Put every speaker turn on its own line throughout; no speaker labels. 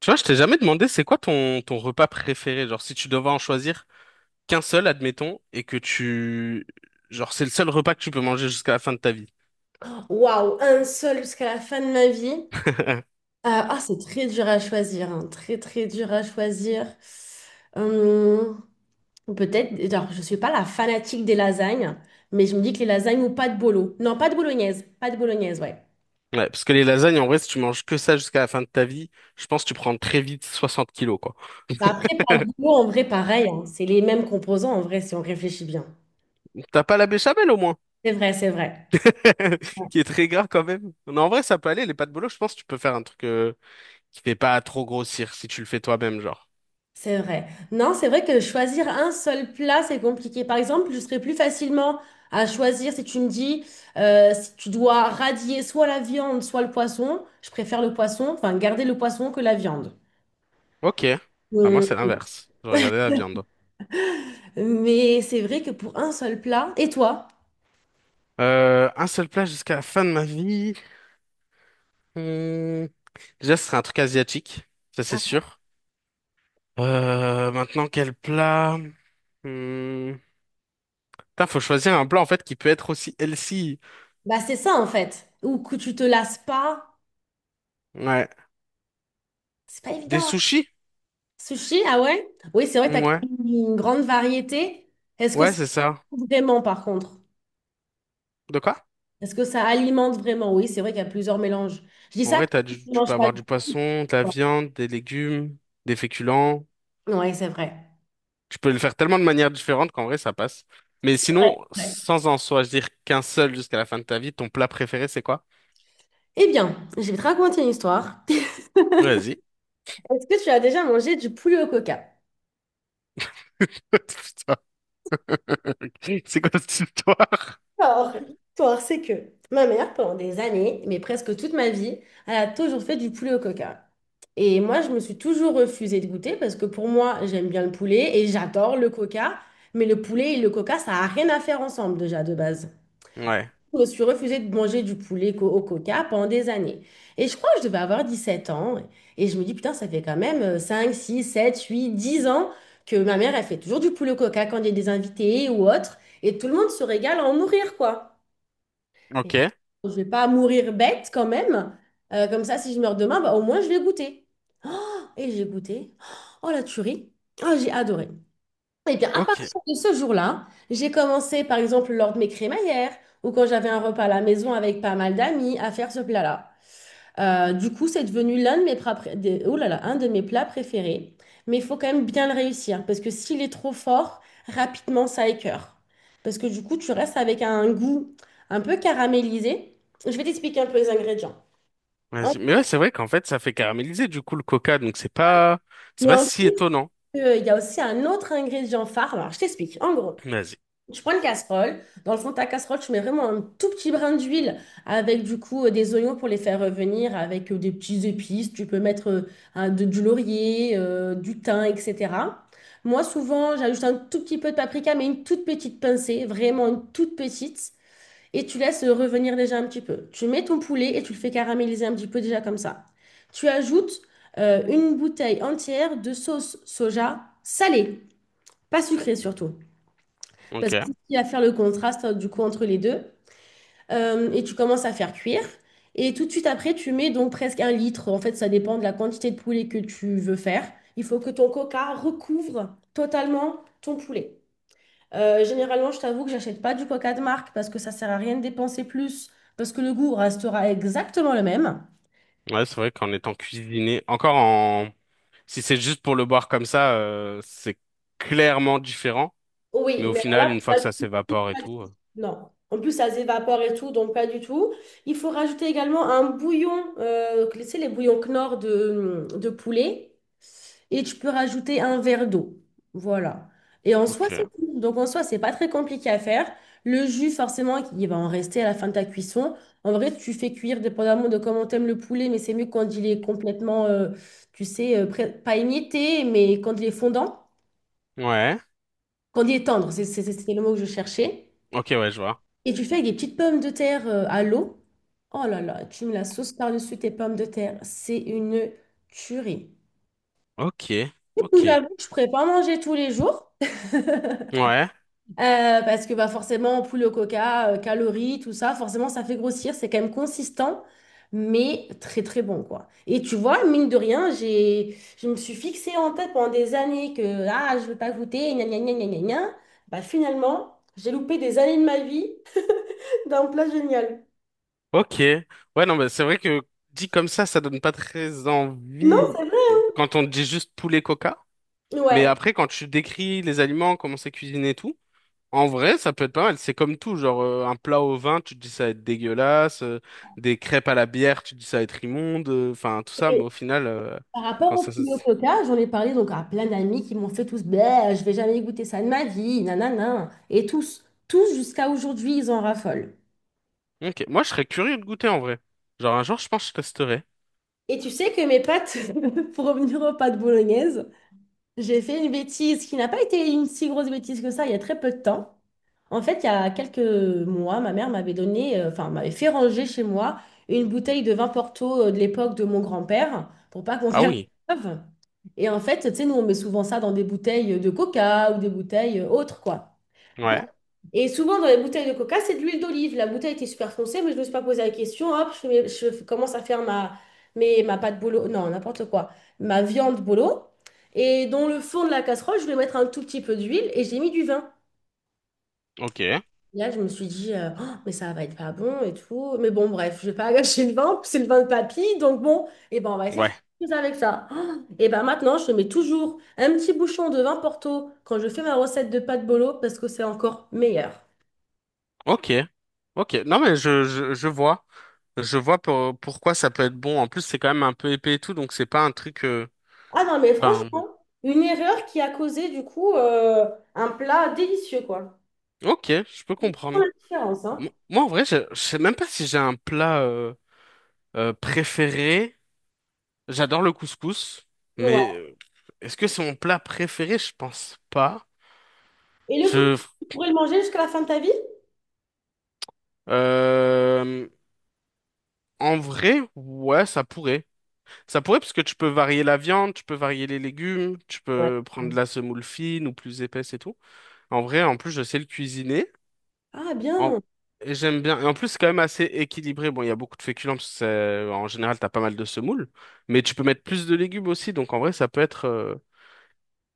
Tu vois, je t'ai jamais demandé c'est quoi ton repas préféré. Genre, si tu devais en choisir qu'un seul, admettons, et que tu... Genre, c'est le seul repas que tu peux manger jusqu'à la fin de ta vie.
Waouh, un seul jusqu'à la fin de ma vie. Ah, c'est très dur à choisir, hein. Très, très dur à choisir. Hum, peut-être, alors, je suis pas la fanatique des lasagnes, mais je me dis que les lasagnes ou pas de bolo. Non, pas de bolognaise, pas de bolognaise, ouais.
Ouais, parce que les lasagnes, en vrai, si tu manges que ça jusqu'à la fin de ta vie, je pense que tu prends très vite 60 kilos, quoi.
Bah, après, pas de bolo, en vrai, pareil, hein. C'est les mêmes composants, en vrai, si on réfléchit bien.
T'as pas la béchamel, au moins.
C'est vrai, c'est vrai.
Qui est très gras quand même. Non, en vrai, ça peut aller. Les pâtes bolo, je pense que tu peux faire un truc qui fait pas trop grossir si tu le fais toi-même, genre.
C'est vrai. Non, c'est vrai que choisir un seul plat, c'est compliqué. Par exemple, je serais plus facilement à choisir si tu me dis, si tu dois radier soit la viande, soit le poisson, je préfère le poisson, enfin garder le poisson que la viande.
Ok. Bah, moi, c'est
Hum,
l'inverse. Je regardais la viande.
Mais c'est vrai que pour un seul plat, et toi?
Un seul plat jusqu'à la fin de ma vie. Hmm, Déjà, ce serait un truc asiatique, ça c'est
Ah,
sûr. Maintenant, quel plat? Hmm. Putain, faut choisir un plat en fait qui peut être aussi healthy.
bah c'est ça en fait. Ou que tu te lasses pas,
Ouais.
c'est pas
Des
évident.
sushis?
Sushi, ah ouais? Oui, c'est vrai que tu as
Ouais.
une grande variété. Est-ce que
Ouais,
c'est
c'est ça.
vraiment par contre?
De quoi?
Est-ce que ça alimente vraiment? Oui, c'est vrai qu'il y a plusieurs mélanges. Je dis
En
ça
vrai,
parce que je ne
tu peux
mange pas
avoir
du
du
tout.
poisson, de la
quoi.
viande, des légumes, des féculents.
Ouais, c'est vrai.
Tu peux le faire tellement de manières différentes qu'en vrai, ça passe. Mais
C'est vrai,
sinon,
c'est vrai.
sans en choisir qu'un seul jusqu'à la fin de ta vie, ton plat préféré, c'est quoi?
Eh bien, je vais te raconter une histoire.
Vas-y.
Est-ce que tu as déjà mangé du poulet au coca?
Putain. C'est quoi cette histoire?
Alors, l'histoire, c'est que ma mère, pendant des années, mais presque toute ma vie, elle a toujours fait du poulet au coca. Et moi, je me suis toujours refusée de goûter parce que pour moi, j'aime bien le poulet et j'adore le coca. Mais le poulet et le coca, ça n'a rien à faire ensemble déjà de base.
Ouais.
Je me suis refusée de manger du poulet au coca pendant des années. Et je crois que je devais avoir 17 ans. Et je me dis, putain, ça fait quand même 5, 6, 7, 8, 10 ans que ma mère, elle fait toujours du poulet au coca quand il y a des invités ou autre. Et tout le monde se régale à en mourir, quoi. Et
Ok,
je vais pas mourir bête quand même. Comme ça, si je meurs demain, bah, au moins, je vais goûter. Oh, et j'ai goûté. Oh, la tuerie. Oh, j'ai adoré. Eh bien, à
ok.
partir de ce jour-là, j'ai commencé, par exemple, lors de mes crémaillères ou quand j'avais un repas à la maison avec pas mal d'amis, à faire ce plat-là. Du coup, c'est devenu l'un de mes plats, oh là là, un de mes plats préférés. Mais il faut quand même bien le réussir parce que s'il est trop fort, rapidement, ça écœure. Parce que du coup, tu restes avec un goût un peu caramélisé. Je vais t'expliquer un peu les ingrédients. En-
Vas-y. Mais ouais, c'est vrai qu'en fait, ça fait caraméliser du coup le coca, donc c'est
Mais
pas
en
si
plus,
étonnant.
il y a aussi un autre ingrédient phare. Alors, je t'explique. En gros.
Vas-y.
Je prends une casserole. Dans le fond de ta casserole, tu mets vraiment un tout petit brin d'huile avec du coup des oignons pour les faire revenir, avec des petits épices. Tu peux mettre du laurier, du thym, etc. Moi, souvent, j'ajoute un tout petit peu de paprika, mais une toute petite pincée, vraiment une toute petite. Et tu laisses revenir déjà un petit peu. Tu mets ton poulet et tu le fais caraméliser un petit peu déjà comme ça. Tu ajoutes une bouteille entière de sauce soja salée, pas sucrée surtout.
Ok.
Parce que si tu vas faire le contraste du coup entre les deux. Et tu commences à faire cuire. Et tout de suite après, tu mets donc presque un litre. En fait, ça dépend de la quantité de poulet que tu veux faire. Il faut que ton coca recouvre totalement ton poulet. Généralement, je t'avoue que j'achète pas du coca de marque parce que ça sert à rien de dépenser plus, parce que le goût restera exactement le même.
Ouais, c'est vrai qu'en étant cuisiné, si c'est juste pour le boire comme ça, c'est clairement différent. Mais
Oui,
au
mais alors
final,
là,
une fois
pas
que ça
du tout,
s'évapore et
pas du
tout,
tout. non. En plus, ça s'évapore et tout, donc pas du tout. Il faut rajouter également un bouillon, tu sais, les bouillons Knorr de poulet. Et tu peux rajouter un verre d'eau. Voilà. Et en
ok.
soi, c'est tout. Donc en soi, c'est pas très compliqué à faire. Le jus, forcément, il va en rester à la fin de ta cuisson. En vrai, tu fais cuire dépendamment de comment t'aimes le poulet, mais c'est mieux quand il est complètement, tu sais, pas émietté, mais quand il est fondant,
Ouais.
quand il est tendre, c'est le mot que je cherchais.
Ok, ouais, je vois.
Et tu fais avec des petites pommes de terre à l'eau. Oh là là, tu mets la sauce par-dessus tes pommes de terre. C'est une tuerie.
Ok,
Du coup,
ok.
j'avoue que je ne pourrais pas manger tous les jours.
Ouais.
Parce que bah, forcément, poulet au coca, calories, tout ça, forcément, ça fait grossir. C'est quand même consistant, mais très très bon, quoi. Et tu vois, mine de rien, je me suis fixée en tête pendant des années que ah, je ne veux pas goûter, gna gna gna gna gna gna. Bah, finalement, j'ai loupé des années de ma vie d'un plat génial.
Ok. Ouais, non, mais c'est vrai que dit comme ça donne pas très
Non,
envie
c'est vrai.
quand on dit juste poulet coca. Mais
Ouais.
après, quand tu décris les aliments, comment c'est cuisiné et tout, en vrai, ça peut être pas mal. C'est comme tout, genre un plat au vin, tu te dis ça va être dégueulasse, des crêpes à la bière, tu te dis ça va être immonde, enfin tout ça, mais au final,
Par rapport
quand ça...
au
se-
poulet au coca, j'en ai parlé donc à plein d'amis qui m'ont fait tous, ben, je vais jamais goûter ça de ma vie, nanana. Et tous, tous jusqu'à aujourd'hui, ils en raffolent.
Ok, moi je serais curieux de goûter en vrai. Genre un jour, je pense que je testerai.
Et tu sais que mes pâtes, pour revenir aux pâtes bolognaises, j'ai fait une bêtise qui n'a pas été une si grosse bêtise que ça il y a très peu de temps. En fait, il y a quelques mois, ma mère m'avait donné, enfin, m'avait fait ranger chez moi une bouteille de vin Porto de l'époque de mon grand-père pour pas qu'on
Ah
perde
oui.
l'œuvre. Et en fait, tu sais, nous, on met souvent ça dans des bouteilles de coca ou des bouteilles autres, quoi. Bon.
Ouais.
Et souvent, dans les bouteilles de coca, c'est de l'huile d'olive. La bouteille était super foncée, mais je ne me suis pas posé la question. Hop, je commence à faire ma pâte bolo, non, n'importe quoi, ma viande bolo. Et dans le fond de la casserole, je vais mettre un tout petit peu d'huile et j'ai mis du vin.
ok.
Là, je me suis dit, oh, mais ça va être pas bon et tout. Mais bon, bref, je vais pas gâcher le vin, c'est le vin de papy. Donc bon, et ben, on va essayer de faire
Ouais.
quelque chose avec ça. Oh, et ben maintenant, je mets toujours un petit bouchon de vin Porto quand je fais ma recette de pâte bolo parce que c'est encore meilleur.
Ok. Ok. Non mais je vois. Je vois pourquoi ça peut être bon. En plus, c'est quand même un peu épais et tout, donc c'est pas un truc.
Ah non, mais
Enfin...
franchement, une erreur qui a causé du coup un plat délicieux, quoi.
Ok, je peux
Pour
comprendre.
la différence, hein.
Moi, en vrai, je sais même pas si j'ai un plat préféré. J'adore le couscous,
Ouais.
mais est-ce que c'est mon plat préféré? Je pense pas.
Et le coup,
Je,
tu pourrais le manger jusqu'à la fin de ta vie?
euh, En vrai, ouais, ça pourrait. Ça pourrait parce que tu peux varier la viande, tu peux varier les légumes, tu
Ouais.
peux prendre de la semoule fine ou plus épaisse et tout. En vrai, en plus, je sais le cuisiner.
Ah
En-
bien.
et j'aime bien. Et en plus, c'est quand même assez équilibré. Bon, il y a beaucoup de féculents parce que en général, t'as pas mal de semoule. Mais tu peux mettre plus de légumes aussi. Donc, en vrai, ça peut être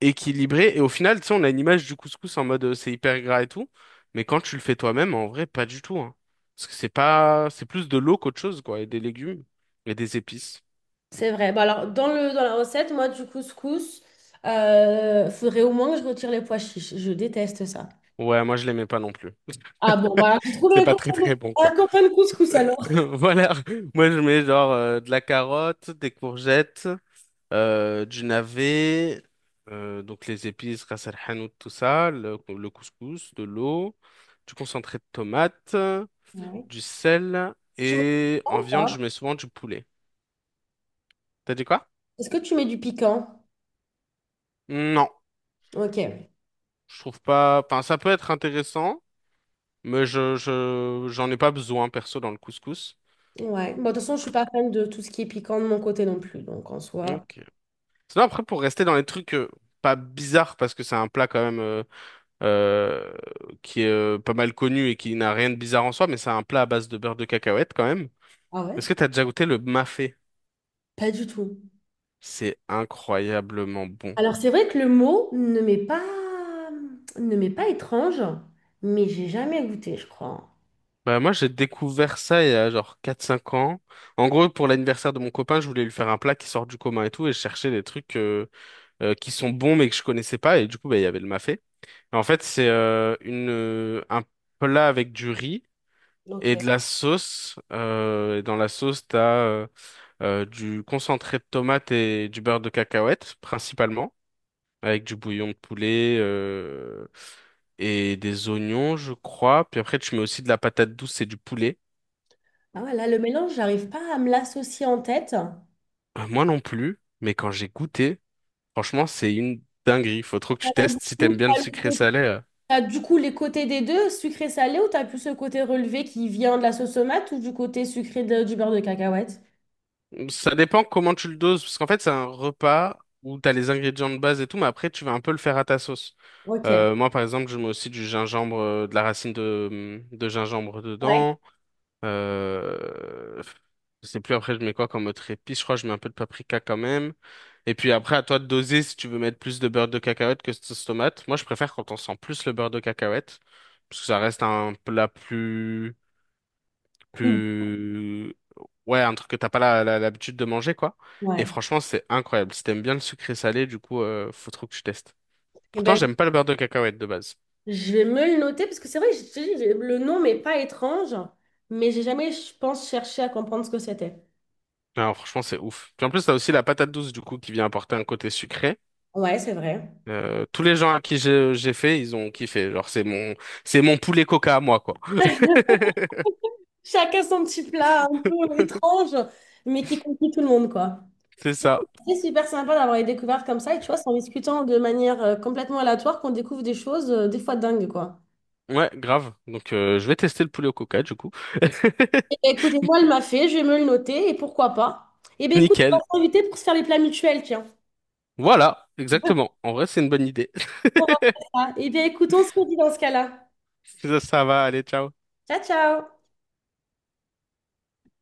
équilibré. Et au final, tu sais, on a une image du couscous en mode c'est hyper gras et tout. Mais quand tu le fais toi-même, en vrai, pas du tout, hein. Parce que c'est pas, c'est plus de l'eau qu'autre chose, quoi. Et des légumes et des épices.
C'est vrai. Bah alors, dans le, dans la recette, moi, du couscous, faudrait au moins que je retire les pois chiches. Je déteste ça.
Ouais, moi, je l'aimais pas non plus.
Ah bon, bah, j'ai trouvé
C'est
un
pas très,
copain de
très bon, quoi.
un copain de couscous alors.
Voilà. Moi, je mets genre de la carotte, des courgettes. Du navet, donc les épices, ras el hanout, tout ça, le couscous, de l'eau, du concentré de tomate,
Ouais.
du sel,
Tu mets du
et
piquant
en
ou
viande, je
pas
mets souvent du poulet. T'as dit quoi?
Est-ce que tu mets du piquant?
Non,
Ok.
je trouve pas. Enfin, ça peut être intéressant, mais j'en ai pas besoin perso dans le couscous.
Ouais. Bon, de toute façon, je suis pas fan de tout ce qui est piquant de mon côté non plus. Donc, en soi,
Ok. Sinon, après, pour rester dans les trucs pas bizarres, parce que c'est un plat quand même euh, qui est pas mal connu et qui n'a rien de bizarre en soi, mais c'est un plat à base de beurre de cacahuète quand même.
ah ouais?
Est-ce que t'as déjà goûté le mafé?
Pas du tout.
C'est incroyablement bon.
Alors, c'est vrai que le mot ne m'est pas étrange, mais j'ai jamais goûté, je crois.
Bah moi j'ai découvert ça il y a genre 4 ou 5 ans. En gros pour l'anniversaire de mon copain je voulais lui faire un plat qui sort du commun et tout et je cherchais des trucs qui sont bons mais que je connaissais pas et du coup bah, il y avait le mafé. Et en fait c'est une un plat avec du riz
Ok.
et de la sauce. Et dans la sauce t'as euh, du concentré de tomate et du beurre de cacahuète principalement, avec du bouillon de poulet et des oignons, je crois. Puis après, tu mets aussi de la patate douce et du poulet.
Ah ouais, là, le mélange, j'arrive pas à me l'associer en tête.
Moi non plus, mais quand j'ai goûté, franchement, c'est une dinguerie. Faut trop que tu
Alors, du
testes si t'aimes
coup,
bien le sucré salé. Euh.
t'as du coup les côtés des deux, sucré-salé, ou t'as plus le côté relevé qui vient de la sauce tomate ou du côté sucré du beurre de cacahuète?
Ça dépend comment tu le doses, parce qu'en fait, c'est un repas où t'as les ingrédients de base et tout, mais après, tu vas un peu le faire à ta sauce.
Ok.
Moi, par exemple, je mets aussi du gingembre, de la racine de gingembre
Ouais.
dedans. Euh... Je sais plus après je mets quoi comme autre épice. Je crois que je mets un peu de paprika quand même. Et puis après à toi de doser si tu veux mettre plus de beurre de cacahuète que de sauce tomate. Moi je préfère quand on sent plus le beurre de cacahuète parce que ça reste un plat plus
Plus-
plus ouais un truc que t'as pas l'habitude de manger quoi. Et
Ouais.
franchement c'est incroyable. Si t'aimes bien le sucré salé du coup faut trop que tu testes.
Eh
Pourtant
ben,
j'aime pas le beurre de cacahuète de base.
je vais me le noter parce que c'est vrai que je te dis, le nom m'est pas étrange, mais j'ai jamais, je pense, cherché à comprendre ce que c'était.
Alors franchement c'est ouf. Puis en plus t'as aussi la patate douce du coup qui vient apporter un côté sucré.
Ouais, c'est vrai.
Tous les gens à qui j'ai fait, ils ont kiffé. C'est mon poulet coca à moi, quoi.
Chacun son petit plat un peu étrange, mais qui conquit tout le monde, quoi.
C'est ça.
C'est super sympa d'avoir les découvertes comme ça. Et tu vois, c'est en discutant de manière complètement aléatoire qu'on découvre des choses, des fois dingues, quoi.
Ouais, grave. Donc, je vais tester le poulet au coca, du coup.
Eh ben, écoutez, moi, elle m'a fait, je vais me le noter, et pourquoi pas. Eh bien, écoute, on
Nickel.
va s'inviter pour se faire les plats mutuels, tiens.
Voilà, exactement. En vrai, c'est une bonne idée.
On va faire ça. Eh bien, écoute, on se redit dans ce cas-là.
Ça va, allez, ciao.
Ciao, ciao!